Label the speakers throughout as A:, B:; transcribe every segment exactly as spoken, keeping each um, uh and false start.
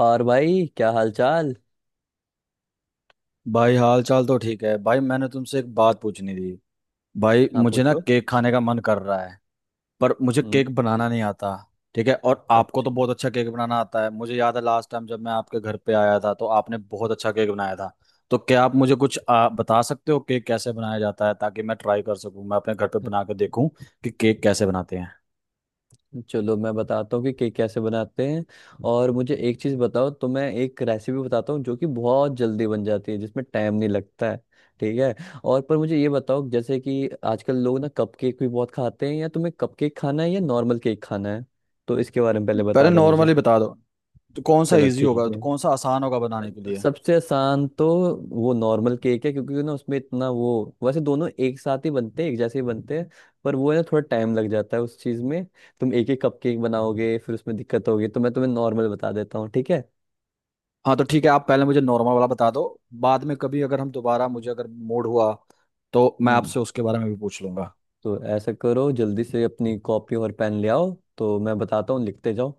A: और भाई क्या हाल चाल।
B: भाई हाल चाल तो ठीक है। भाई मैंने तुमसे एक बात पूछनी थी। भाई
A: हाँ
B: मुझे ना
A: पूछो।
B: केक खाने का मन कर रहा है पर मुझे केक
A: हम्म।
B: बनाना नहीं आता। ठीक है, और आपको तो
A: अच्छा।
B: बहुत अच्छा केक बनाना आता है। मुझे याद है लास्ट टाइम जब मैं आपके घर पे आया था तो आपने बहुत अच्छा केक बनाया था। तो क्या आप मुझे कुछ आ, बता सकते हो केक कैसे बनाया जाता है, ताकि मैं ट्राई कर सकूं, मैं अपने घर पे
A: अच्छा,
B: बना के देखूं कि केक कैसे बनाते हैं।
A: चलो मैं बताता हूँ कि केक कैसे बनाते हैं। और मुझे एक चीज़ बताओ, तो मैं एक रेसिपी बताता हूँ जो कि बहुत जल्दी बन जाती है, जिसमें टाइम नहीं लगता है। ठीक है। और पर मुझे ये बताओ, जैसे कि आजकल लोग ना कप केक भी बहुत खाते हैं, या तुम्हें कप केक खाना है या नॉर्मल केक खाना है? तो इसके बारे में पहले बता
B: पहले
A: दो मुझे।
B: नॉर्मली बता दो, तो कौन सा
A: चलो
B: इजी
A: ठीक
B: होगा, तो
A: है,
B: कौन सा आसान होगा बनाने के लिए।
A: सबसे आसान तो वो नॉर्मल केक है, क्योंकि ना उसमें इतना वो, वैसे दोनों एक साथ ही बनते हैं, एक जैसे ही बनते हैं। पर वो है ना, थोड़ा टाइम लग जाता है उस चीज़ में। तुम एक ही कप केक बनाओगे फिर उसमें दिक्कत होगी, तो मैं तुम्हें नॉर्मल बता देता हूँ, ठीक है।
B: हाँ तो ठीक है, आप पहले मुझे नॉर्मल वाला बता दो। बाद में कभी अगर हम दोबारा,
A: हम्म।
B: मुझे अगर मूड हुआ तो मैं
A: हम्म।
B: आपसे उसके बारे में भी पूछ लूंगा।
A: तो ऐसा करो, जल्दी से अपनी कॉपी और पेन ले आओ। तो मैं बताता हूँ, लिखते जाओ।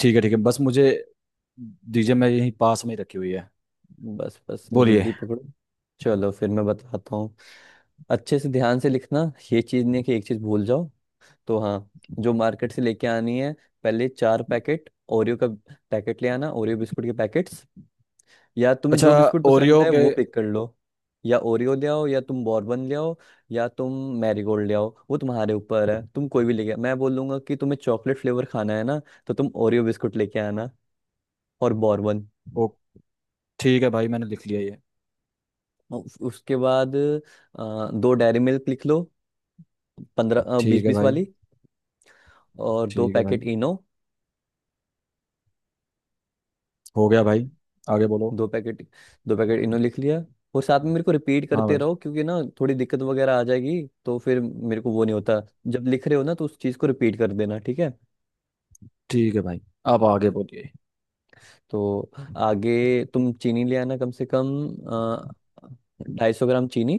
B: ठीक है ठीक है, बस मुझे दीजिए, मैं यहीं पास में ही रखी हुई है।
A: बस बस
B: बोलिए।
A: जल्दी पकड़ो। चलो फिर मैं बताता हूँ। अच्छे से ध्यान से लिखना, ये चीज़ नहीं कि एक चीज़ भूल जाओ। तो हाँ, जो मार्केट से लेके आनी है, पहले चार पैकेट ओरियो का पैकेट ले आना, ओरियो बिस्कुट के पैकेट्स। या तुम्हें जो
B: अच्छा,
A: बिस्कुट पसंद
B: ओरियो
A: है
B: के।
A: वो पिक कर लो। या ओरियो ले आओ, या तुम बॉर्बन ले आओ, या तुम मैरीगोल्ड ले आओ। वो तुम्हारे ऊपर है, तुम कोई भी लेके, मैं बोलूंगा कि तुम्हें चॉकलेट फ्लेवर खाना है ना, तो तुम ओरियो बिस्कुट लेके आना और बॉर्बन।
B: ओ, ठीक है भाई, मैंने लिख लिया ये।
A: उसके बाद अ, दो डेयरी मिल्क लिख लो, पंद्रह बीस
B: ठीक है
A: बीस
B: भाई।
A: वाली। और दो
B: ठीक है भाई,
A: पैकेट इनो।
B: हो गया भाई, आगे बोलो।
A: दो पैकेट दो पैकेट इनो लिख लिया। और साथ में मेरे को रिपीट
B: हाँ
A: करते
B: भाई।
A: रहो, क्योंकि ना थोड़ी दिक्कत वगैरह आ जाएगी तो फिर मेरे को वो नहीं होता। जब लिख रहे हो ना, तो उस चीज़ को रिपीट कर देना, ठीक है।
B: ठीक है भाई, अब आगे बोलिए।
A: तो आगे, तुम चीनी ले आना कम से कम ढाई सौ ग्राम चीनी।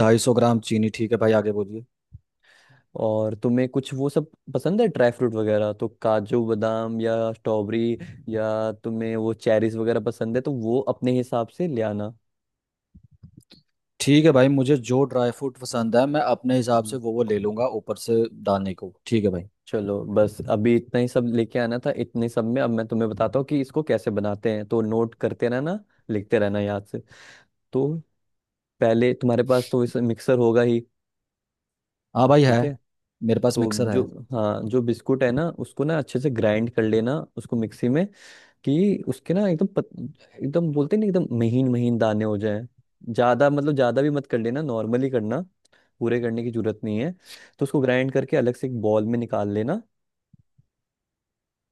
B: ढाई सौ ग्राम चीनी, ठीक है भाई, आगे बोलिए।
A: और तुम्हें कुछ वो सब पसंद है ड्राई फ्रूट वगैरह, तो काजू बादाम या स्ट्रॉबेरी, या तुम्हें वो चेरीज वगैरह पसंद है, तो वो अपने हिसाब से ले आना।
B: ठीक है भाई, मुझे जो ड्राई फ्रूट पसंद है मैं अपने हिसाब से
A: हम्म।
B: वो वो ले लूंगा ऊपर से डालने को। ठीक है भाई।
A: चलो, बस अभी इतना ही सब लेके आना था। इतने सब में अब मैं तुम्हें बताता हूँ कि इसको कैसे बनाते हैं, तो नोट करते रहना, लिखते रहना याद से। तो पहले तुम्हारे पास तो इस मिक्सर होगा ही।
B: हाँ भाई है,
A: ठीक है।
B: मेरे पास
A: तो
B: मिक्सर है।
A: जो, हाँ, जो बिस्कुट है ना उसको ना अच्छे से ग्राइंड कर लेना, उसको मिक्सी में, कि उसके ना एकदम पत, एकदम, बोलते नहीं, एकदम महीन महीन दाने हो जाएं। ज्यादा, मतलब ज्यादा भी मत कर लेना, नॉर्मली करना, पूरे करने की जरूरत नहीं है। तो उसको ग्राइंड करके अलग से एक बॉल में निकाल लेना।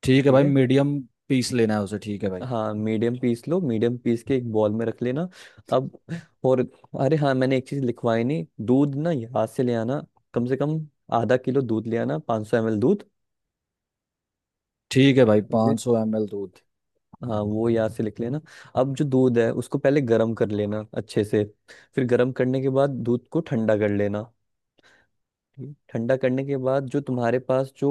B: ठीक है
A: ठीक
B: भाई,
A: है।
B: मीडियम पीस लेना है उसे, ठीक है भाई।
A: हाँ मीडियम पीस लो, मीडियम पीस के एक बॉल में रख लेना। अब, और, अरे हाँ, मैंने एक चीज लिखवाई नहीं, दूध ना यहाँ से ले आना। कम से कम आधा किलो दूध ले आना, 500 सौ एमएल दूध।
B: ठीक है भाई,
A: ठीक है।
B: 500 सौ एम एल दूध।
A: हाँ वो यहाँ से लिख लेना। अब जो दूध है उसको पहले गर्म कर लेना अच्छे से। फिर गर्म करने के बाद दूध को ठंडा कर लेना। ये ठंडा करने के बाद, जो तुम्हारे पास जो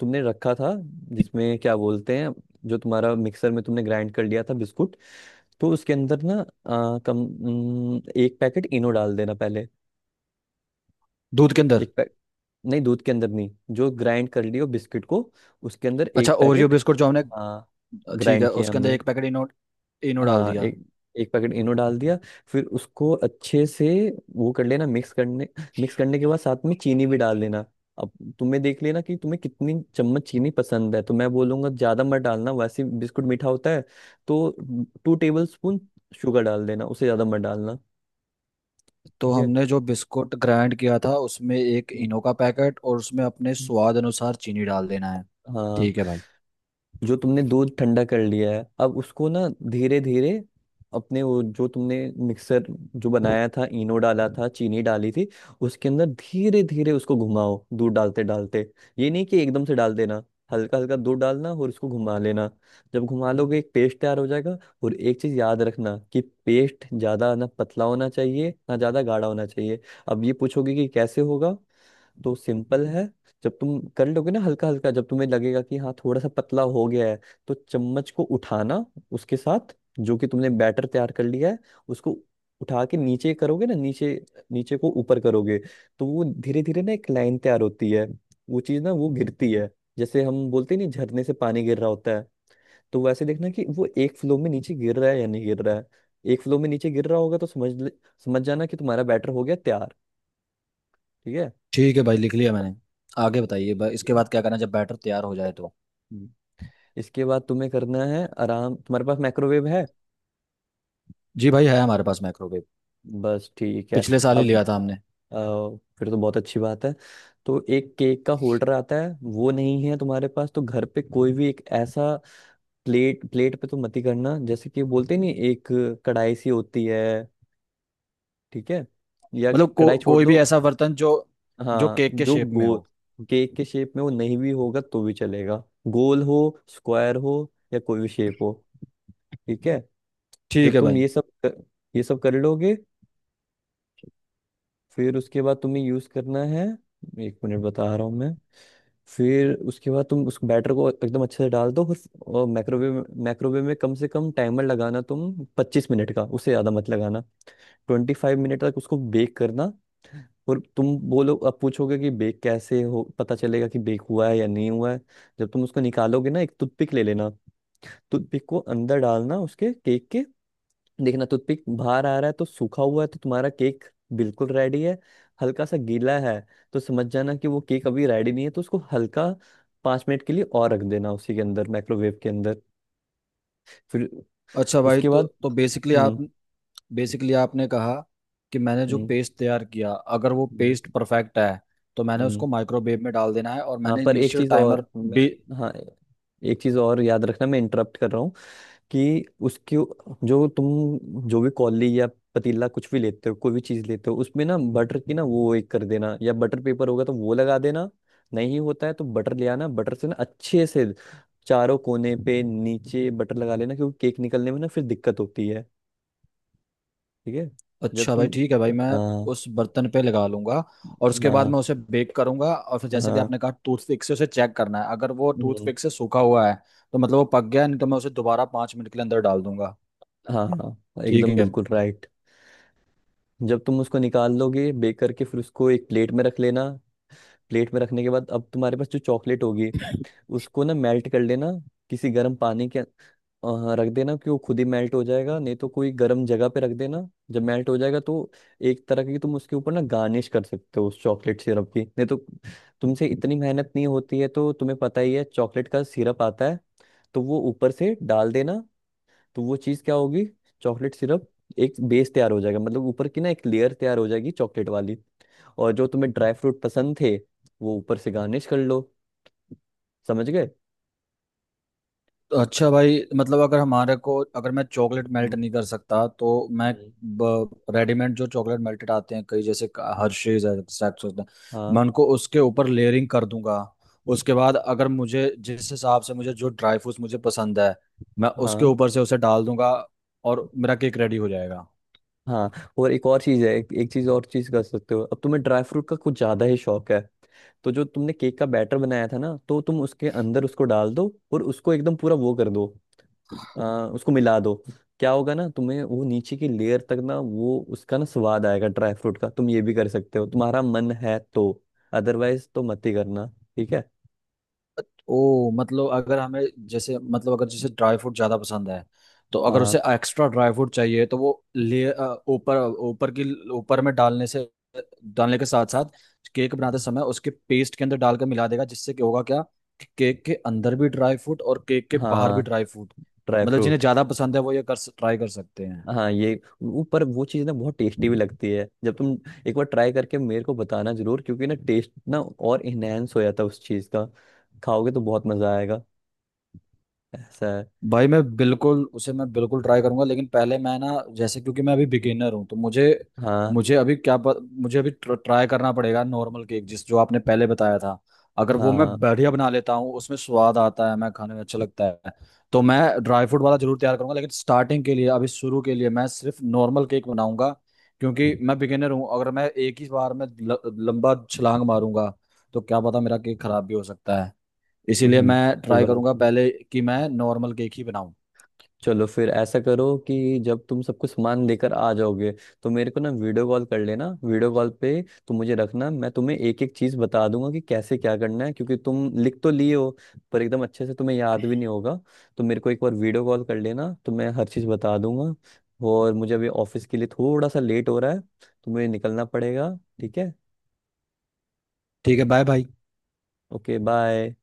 A: तुमने रखा था, जिसमें क्या बोलते हैं, जो तुम्हारा मिक्सर में तुमने ग्राइंड कर लिया था बिस्कुट, तो उसके अंदर ना आ, कम न, एक पैकेट इनो डाल देना पहले।
B: दूध के अंदर?
A: एक पैक नहीं, दूध के अंदर नहीं, जो ग्राइंड कर लियो बिस्किट को, उसके अंदर
B: अच्छा,
A: एक
B: ओरियो
A: पैकेट।
B: बिस्कुट जो हमने।
A: हाँ
B: ठीक
A: ग्राइंड
B: है,
A: किया
B: उसके अंदर
A: हमने।
B: एक पैकेट इनो, इनो डाल
A: हाँ
B: दिया।
A: एक एक पैकेट इनो डाल दिया। फिर उसको अच्छे से वो कर लेना, मिक्स करने। मिक्स करने के बाद साथ में चीनी भी डाल लेना। अब तुम्हें देख लेना कि तुम्हें कितनी चम्मच चीनी पसंद है, तो मैं बोलूंगा ज्यादा मत डालना, वैसे बिस्कुट मीठा होता है। तो टू टेबल स्पून शुगर डाल देना, उसे ज्यादा मत डालना।
B: तो
A: ठीक है।
B: हमने जो बिस्कुट ग्राइंड किया था उसमें एक
A: हम्म।
B: इनो का पैकेट और उसमें अपने स्वाद अनुसार चीनी डाल देना है।
A: हाँ,
B: ठीक है भाई।
A: जो तुमने दूध ठंडा कर लिया है, अब उसको ना धीरे धीरे, अपने वो जो तुमने मिक्सर जो बनाया था, इनो डाला हम्म, था, चीनी डाली थी, उसके अंदर धीरे धीरे उसको घुमाओ, दूध डालते डालते। ये नहीं कि एकदम से डाल देना, हल्का हल्का दूध डालना और उसको घुमा लेना। जब घुमा लोगे एक पेस्ट तैयार हो जाएगा। और एक चीज याद रखना, कि पेस्ट ज्यादा ना पतला होना चाहिए ना ज्यादा गाढ़ा होना चाहिए। अब ये पूछोगे कि कैसे होगा, तो सिंपल है। जब तुम कर लोगे ना हल्का हल्का, जब तुम्हें लगेगा कि हाँ थोड़ा सा पतला हो गया है, तो चम्मच को उठाना, उसके साथ जो कि तुमने बैटर तैयार कर लिया है, उसको उठा के नीचे करोगे ना, नीचे, नीचे को ऊपर करोगे, तो वो धीरे धीरे ना एक लाइन तैयार होती है, वो चीज ना वो गिरती है, जैसे हम बोलते नहीं झरने से पानी गिर रहा होता है। तो वैसे देखना कि वो एक फ्लो में नीचे गिर रहा है या नहीं गिर रहा है। एक फ्लो में नीचे गिर रहा होगा तो समझ ले- समझ जाना कि तुम्हारा बैटर हो गया तैयार। ठीक।
B: ठीक है भाई, लिख लिया मैंने। आगे बताइए भाई, इसके बाद क्या करना है जब बैटर तैयार हो जाए तो।
A: है इसके बाद तुम्हें करना है आराम, तुम्हारे पास माइक्रोवेव है?
B: जी भाई, है हमारे पास माइक्रोवेव।
A: बस ठीक है।
B: पिछले साल ही
A: अब,
B: लिया था हमने।
A: अ, फिर तो बहुत अच्छी बात है। तो एक केक का होल्डर आता है, वो नहीं है तुम्हारे पास, तो घर पे कोई भी एक ऐसा, प्लेट, प्लेट पे तो मत ही करना, जैसे कि बोलते नहीं एक कढ़ाई सी होती है, ठीक है, या,
B: मतलब को,
A: कढ़ाई छोड़
B: कोई भी
A: दो,
B: ऐसा बर्तन जो, जो
A: हाँ
B: केक के
A: जो
B: शेप में
A: गोल,
B: हो।
A: केक के शेप में, वो नहीं भी होगा तो भी चलेगा, गोल हो, स्क्वायर हो, या कोई भी शेप हो, ठीक है।
B: ठीक
A: जब
B: है
A: तुम
B: भाई।
A: ये सब कर, ये सब कर लोगे, फिर उसके बाद तुम्हें यूज करना है, एक मिनट बता रहा हूँ मैं। फिर उसके बाद तुम उस बैटर को एकदम अच्छे से डाल दो। और माइक्रोवेव माइक्रोवेव में कम से कम टाइमर लगाना तुम पच्चीस मिनट का, उससे ज्यादा मत लगाना। ट्वेंटी फाइव मिनट तक उसको बेक करना। और तुम बोलो, अब पूछोगे कि बेक कैसे हो, पता चलेगा कि बेक हुआ है या नहीं हुआ है। जब तुम उसको निकालोगे ना, एक टूथपिक ले लेना, टूथपिक को अंदर डालना उसके, केक के, देखना टूथपिक बाहर आ रहा है तो सूखा हुआ है, तो तुम्हारा केक बिल्कुल रेडी है। हल्का सा गीला है तो समझ जाना कि वो केक अभी रेडी नहीं है, तो उसको हल्का पाँच मिनट के लिए और रख देना, उसी के अंदर माइक्रोवेव के अंदर। फिर
B: अच्छा भाई,
A: उसके
B: तो
A: बाद,
B: तो बेसिकली आप,
A: हम्म।
B: बेसिकली आपने कहा कि मैंने जो
A: हम्म।
B: पेस्ट तैयार किया, अगर वो
A: हम्म।
B: पेस्ट परफेक्ट है तो मैंने
A: हम्म।
B: उसको माइक्रोवेव में डाल देना है, और
A: हाँ
B: मैंने
A: पर एक
B: इनिशियल
A: चीज
B: टाइमर
A: और मैं
B: भी।
A: हाँ, एक चीज और याद रखना, मैं इंटरप्ट कर रहा हूँ, कि उसकी, जो तुम जो भी कॉली या पतीला कुछ भी लेते हो, कोई भी चीज लेते हो, उसमें ना बटर की ना वो एक कर देना, या बटर पेपर होगा तो वो लगा देना, नहीं होता है तो बटर ले आना। बटर से ना अच्छे से चारों कोने पे नीचे बटर लगा लेना, क्योंकि केक निकलने में ना फिर दिक्कत होती है, ठीक है। जब
B: अच्छा
A: तुम
B: भाई, ठीक है भाई, मैं
A: हाँ,
B: उस बर्तन पे लगा लूंगा, और उसके बाद
A: हाँ,
B: मैं उसे बेक करूंगा, और फिर जैसे कि
A: हाँ,
B: आपने कहा टूथपिक से उसे चेक करना है। अगर वो
A: हम्म,
B: टूथपिक से सूखा हुआ है तो मतलब वो पक गया है, नहीं तो मैं उसे दोबारा पाँच मिनट के लिए अंदर डाल दूंगा।
A: हाँ, हाँ
B: ठीक
A: एकदम
B: है।
A: बिल्कुल राइट। जब तुम उसको निकाल लोगे बेक करके, फिर उसको एक प्लेट में रख लेना। प्लेट में रखने के बाद अब तुम्हारे पास जो चॉकलेट होगी, उसको ना मेल्ट कर लेना, किसी गर्म पानी के अ, रख देना, कि वो खुद ही मेल्ट हो जाएगा, नहीं तो कोई गर्म जगह पे रख देना। जब मेल्ट हो जाएगा तो एक तरह की तुम उसके ऊपर ना गार्निश कर सकते हो उस चॉकलेट सिरप की, नहीं तो तुमसे इतनी मेहनत नहीं होती है, तो तुम्हें पता ही है चॉकलेट का सिरप आता है, तो वो ऊपर से डाल देना। तो वो चीज़ क्या होगी, चॉकलेट सिरप। एक बेस तैयार हो जाएगा, मतलब ऊपर की ना एक लेयर तैयार हो जाएगी चॉकलेट वाली। और जो तुम्हें ड्राई फ्रूट पसंद थे, वो ऊपर से गार्निश कर लो। समझ गए।
B: तो अच्छा भाई, मतलब अगर हमारे को, अगर मैं चॉकलेट मेल्ट
A: हम्म।
B: नहीं कर सकता तो मैं रेडीमेड जो चॉकलेट मेल्टेड आते हैं कई, जैसे
A: हम्म।
B: हर्शीज है, Saxos है,
A: हाँ।
B: मैं उनको उसके ऊपर लेयरिंग कर दूंगा। उसके बाद अगर मुझे, जिस हिसाब से मुझे जो ड्राई फ्रूट्स मुझे पसंद है, मैं उसके
A: हाँ।
B: ऊपर से उसे डाल दूंगा और मेरा केक रेडी हो जाएगा।
A: हाँ। और एक और चीज है, एक, एक चीज और, चीज कर सकते हो, अब तुम्हें ड्राई फ्रूट का कुछ ज्यादा ही शौक है, तो जो तुमने केक का बैटर बनाया था ना, तो तुम उसके अंदर उसको डाल दो और उसको एकदम पूरा वो कर दो, आ, उसको मिला दो। क्या होगा ना, तुम्हें वो नीचे की लेयर तक ना वो उसका ना स्वाद आएगा ड्राई फ्रूट का। तुम ये भी कर सकते हो तुम्हारा मन है तो, अदरवाइज तो मत ही करना, ठीक है।
B: ओ मतलब, अगर हमें, जैसे मतलब अगर जैसे ड्राई फ्रूट ज्यादा पसंद है, तो अगर
A: हाँ।
B: उसे एक्स्ट्रा ड्राई फ्रूट चाहिए तो वो ले अ, ऊपर, ऊपर की, ऊपर में डालने से, डालने के साथ साथ केक बनाते समय उसके पेस्ट के अंदर डालकर मिला देगा, जिससे क्या होगा क्या कि केक के अंदर भी ड्राई फ्रूट और केक के बाहर
A: हाँ।
B: भी ड्राई फ्रूट।
A: ड्राई
B: मतलब जिन्हें
A: फ्रूट।
B: ज्यादा पसंद है वो ये कर, ट्राई कर सकते हैं।
A: हाँ ये, वो- पर वो चीज़ ना बहुत टेस्टी भी लगती है जब तुम एक बार ट्राई करके मेरे को बताना जरूर, क्योंकि ना टेस्ट ना और इनहेंस हो जाता है उस चीज़ का, खाओगे तो बहुत मज़ा आएगा, ऐसा है।
B: भाई मैं बिल्कुल उसे, मैं बिल्कुल ट्राई करूंगा, लेकिन पहले मैं ना, जैसे क्योंकि मैं अभी बिगिनर हूँ तो मुझे
A: हाँ।
B: मुझे अभी क्या प- मुझे अभी ट्राई करना पड़ेगा नॉर्मल केक, जिस जो आपने पहले बताया था। अगर वो मैं
A: हाँ।
B: बढ़िया बना लेता हूँ, उसमें स्वाद आता है, मैं खाने में अच्छा लगता है, तो मैं ड्राई फ्रूट वाला जरूर तैयार करूंगा। लेकिन स्टार्टिंग के लिए, अभी शुरू के लिए मैं सिर्फ नॉर्मल केक बनाऊंगा, क्योंकि मैं बिगिनर हूँ। अगर मैं एक ही बार में ल, लंबा छलांग मारूंगा तो क्या पता मेरा केक खराब भी हो सकता है। इसीलिए
A: हम्म,
B: मैं
A: कोई
B: ट्राई
A: बात
B: करूंगा
A: नहीं।
B: पहले कि मैं नॉर्मल केक ही बनाऊं।
A: चलो फिर ऐसा करो कि जब तुम सब कुछ सामान लेकर आ जाओगे, तो मेरे को ना वीडियो कॉल कर लेना, वीडियो कॉल पे तुम मुझे रखना, मैं तुम्हें एक एक चीज बता दूंगा कि कैसे क्या करना है, क्योंकि तुम लिख तो लिए हो पर एकदम अच्छे से तुम्हें याद भी नहीं होगा, तो मेरे को एक बार वीडियो कॉल कर लेना तो मैं हर चीज बता दूंगा। और मुझे अभी ऑफिस के लिए थोड़ा सा लेट हो रहा है, तो मुझे निकलना पड़ेगा, ठीक है।
B: ठीक है, बाय बाय।
A: Okay, bye.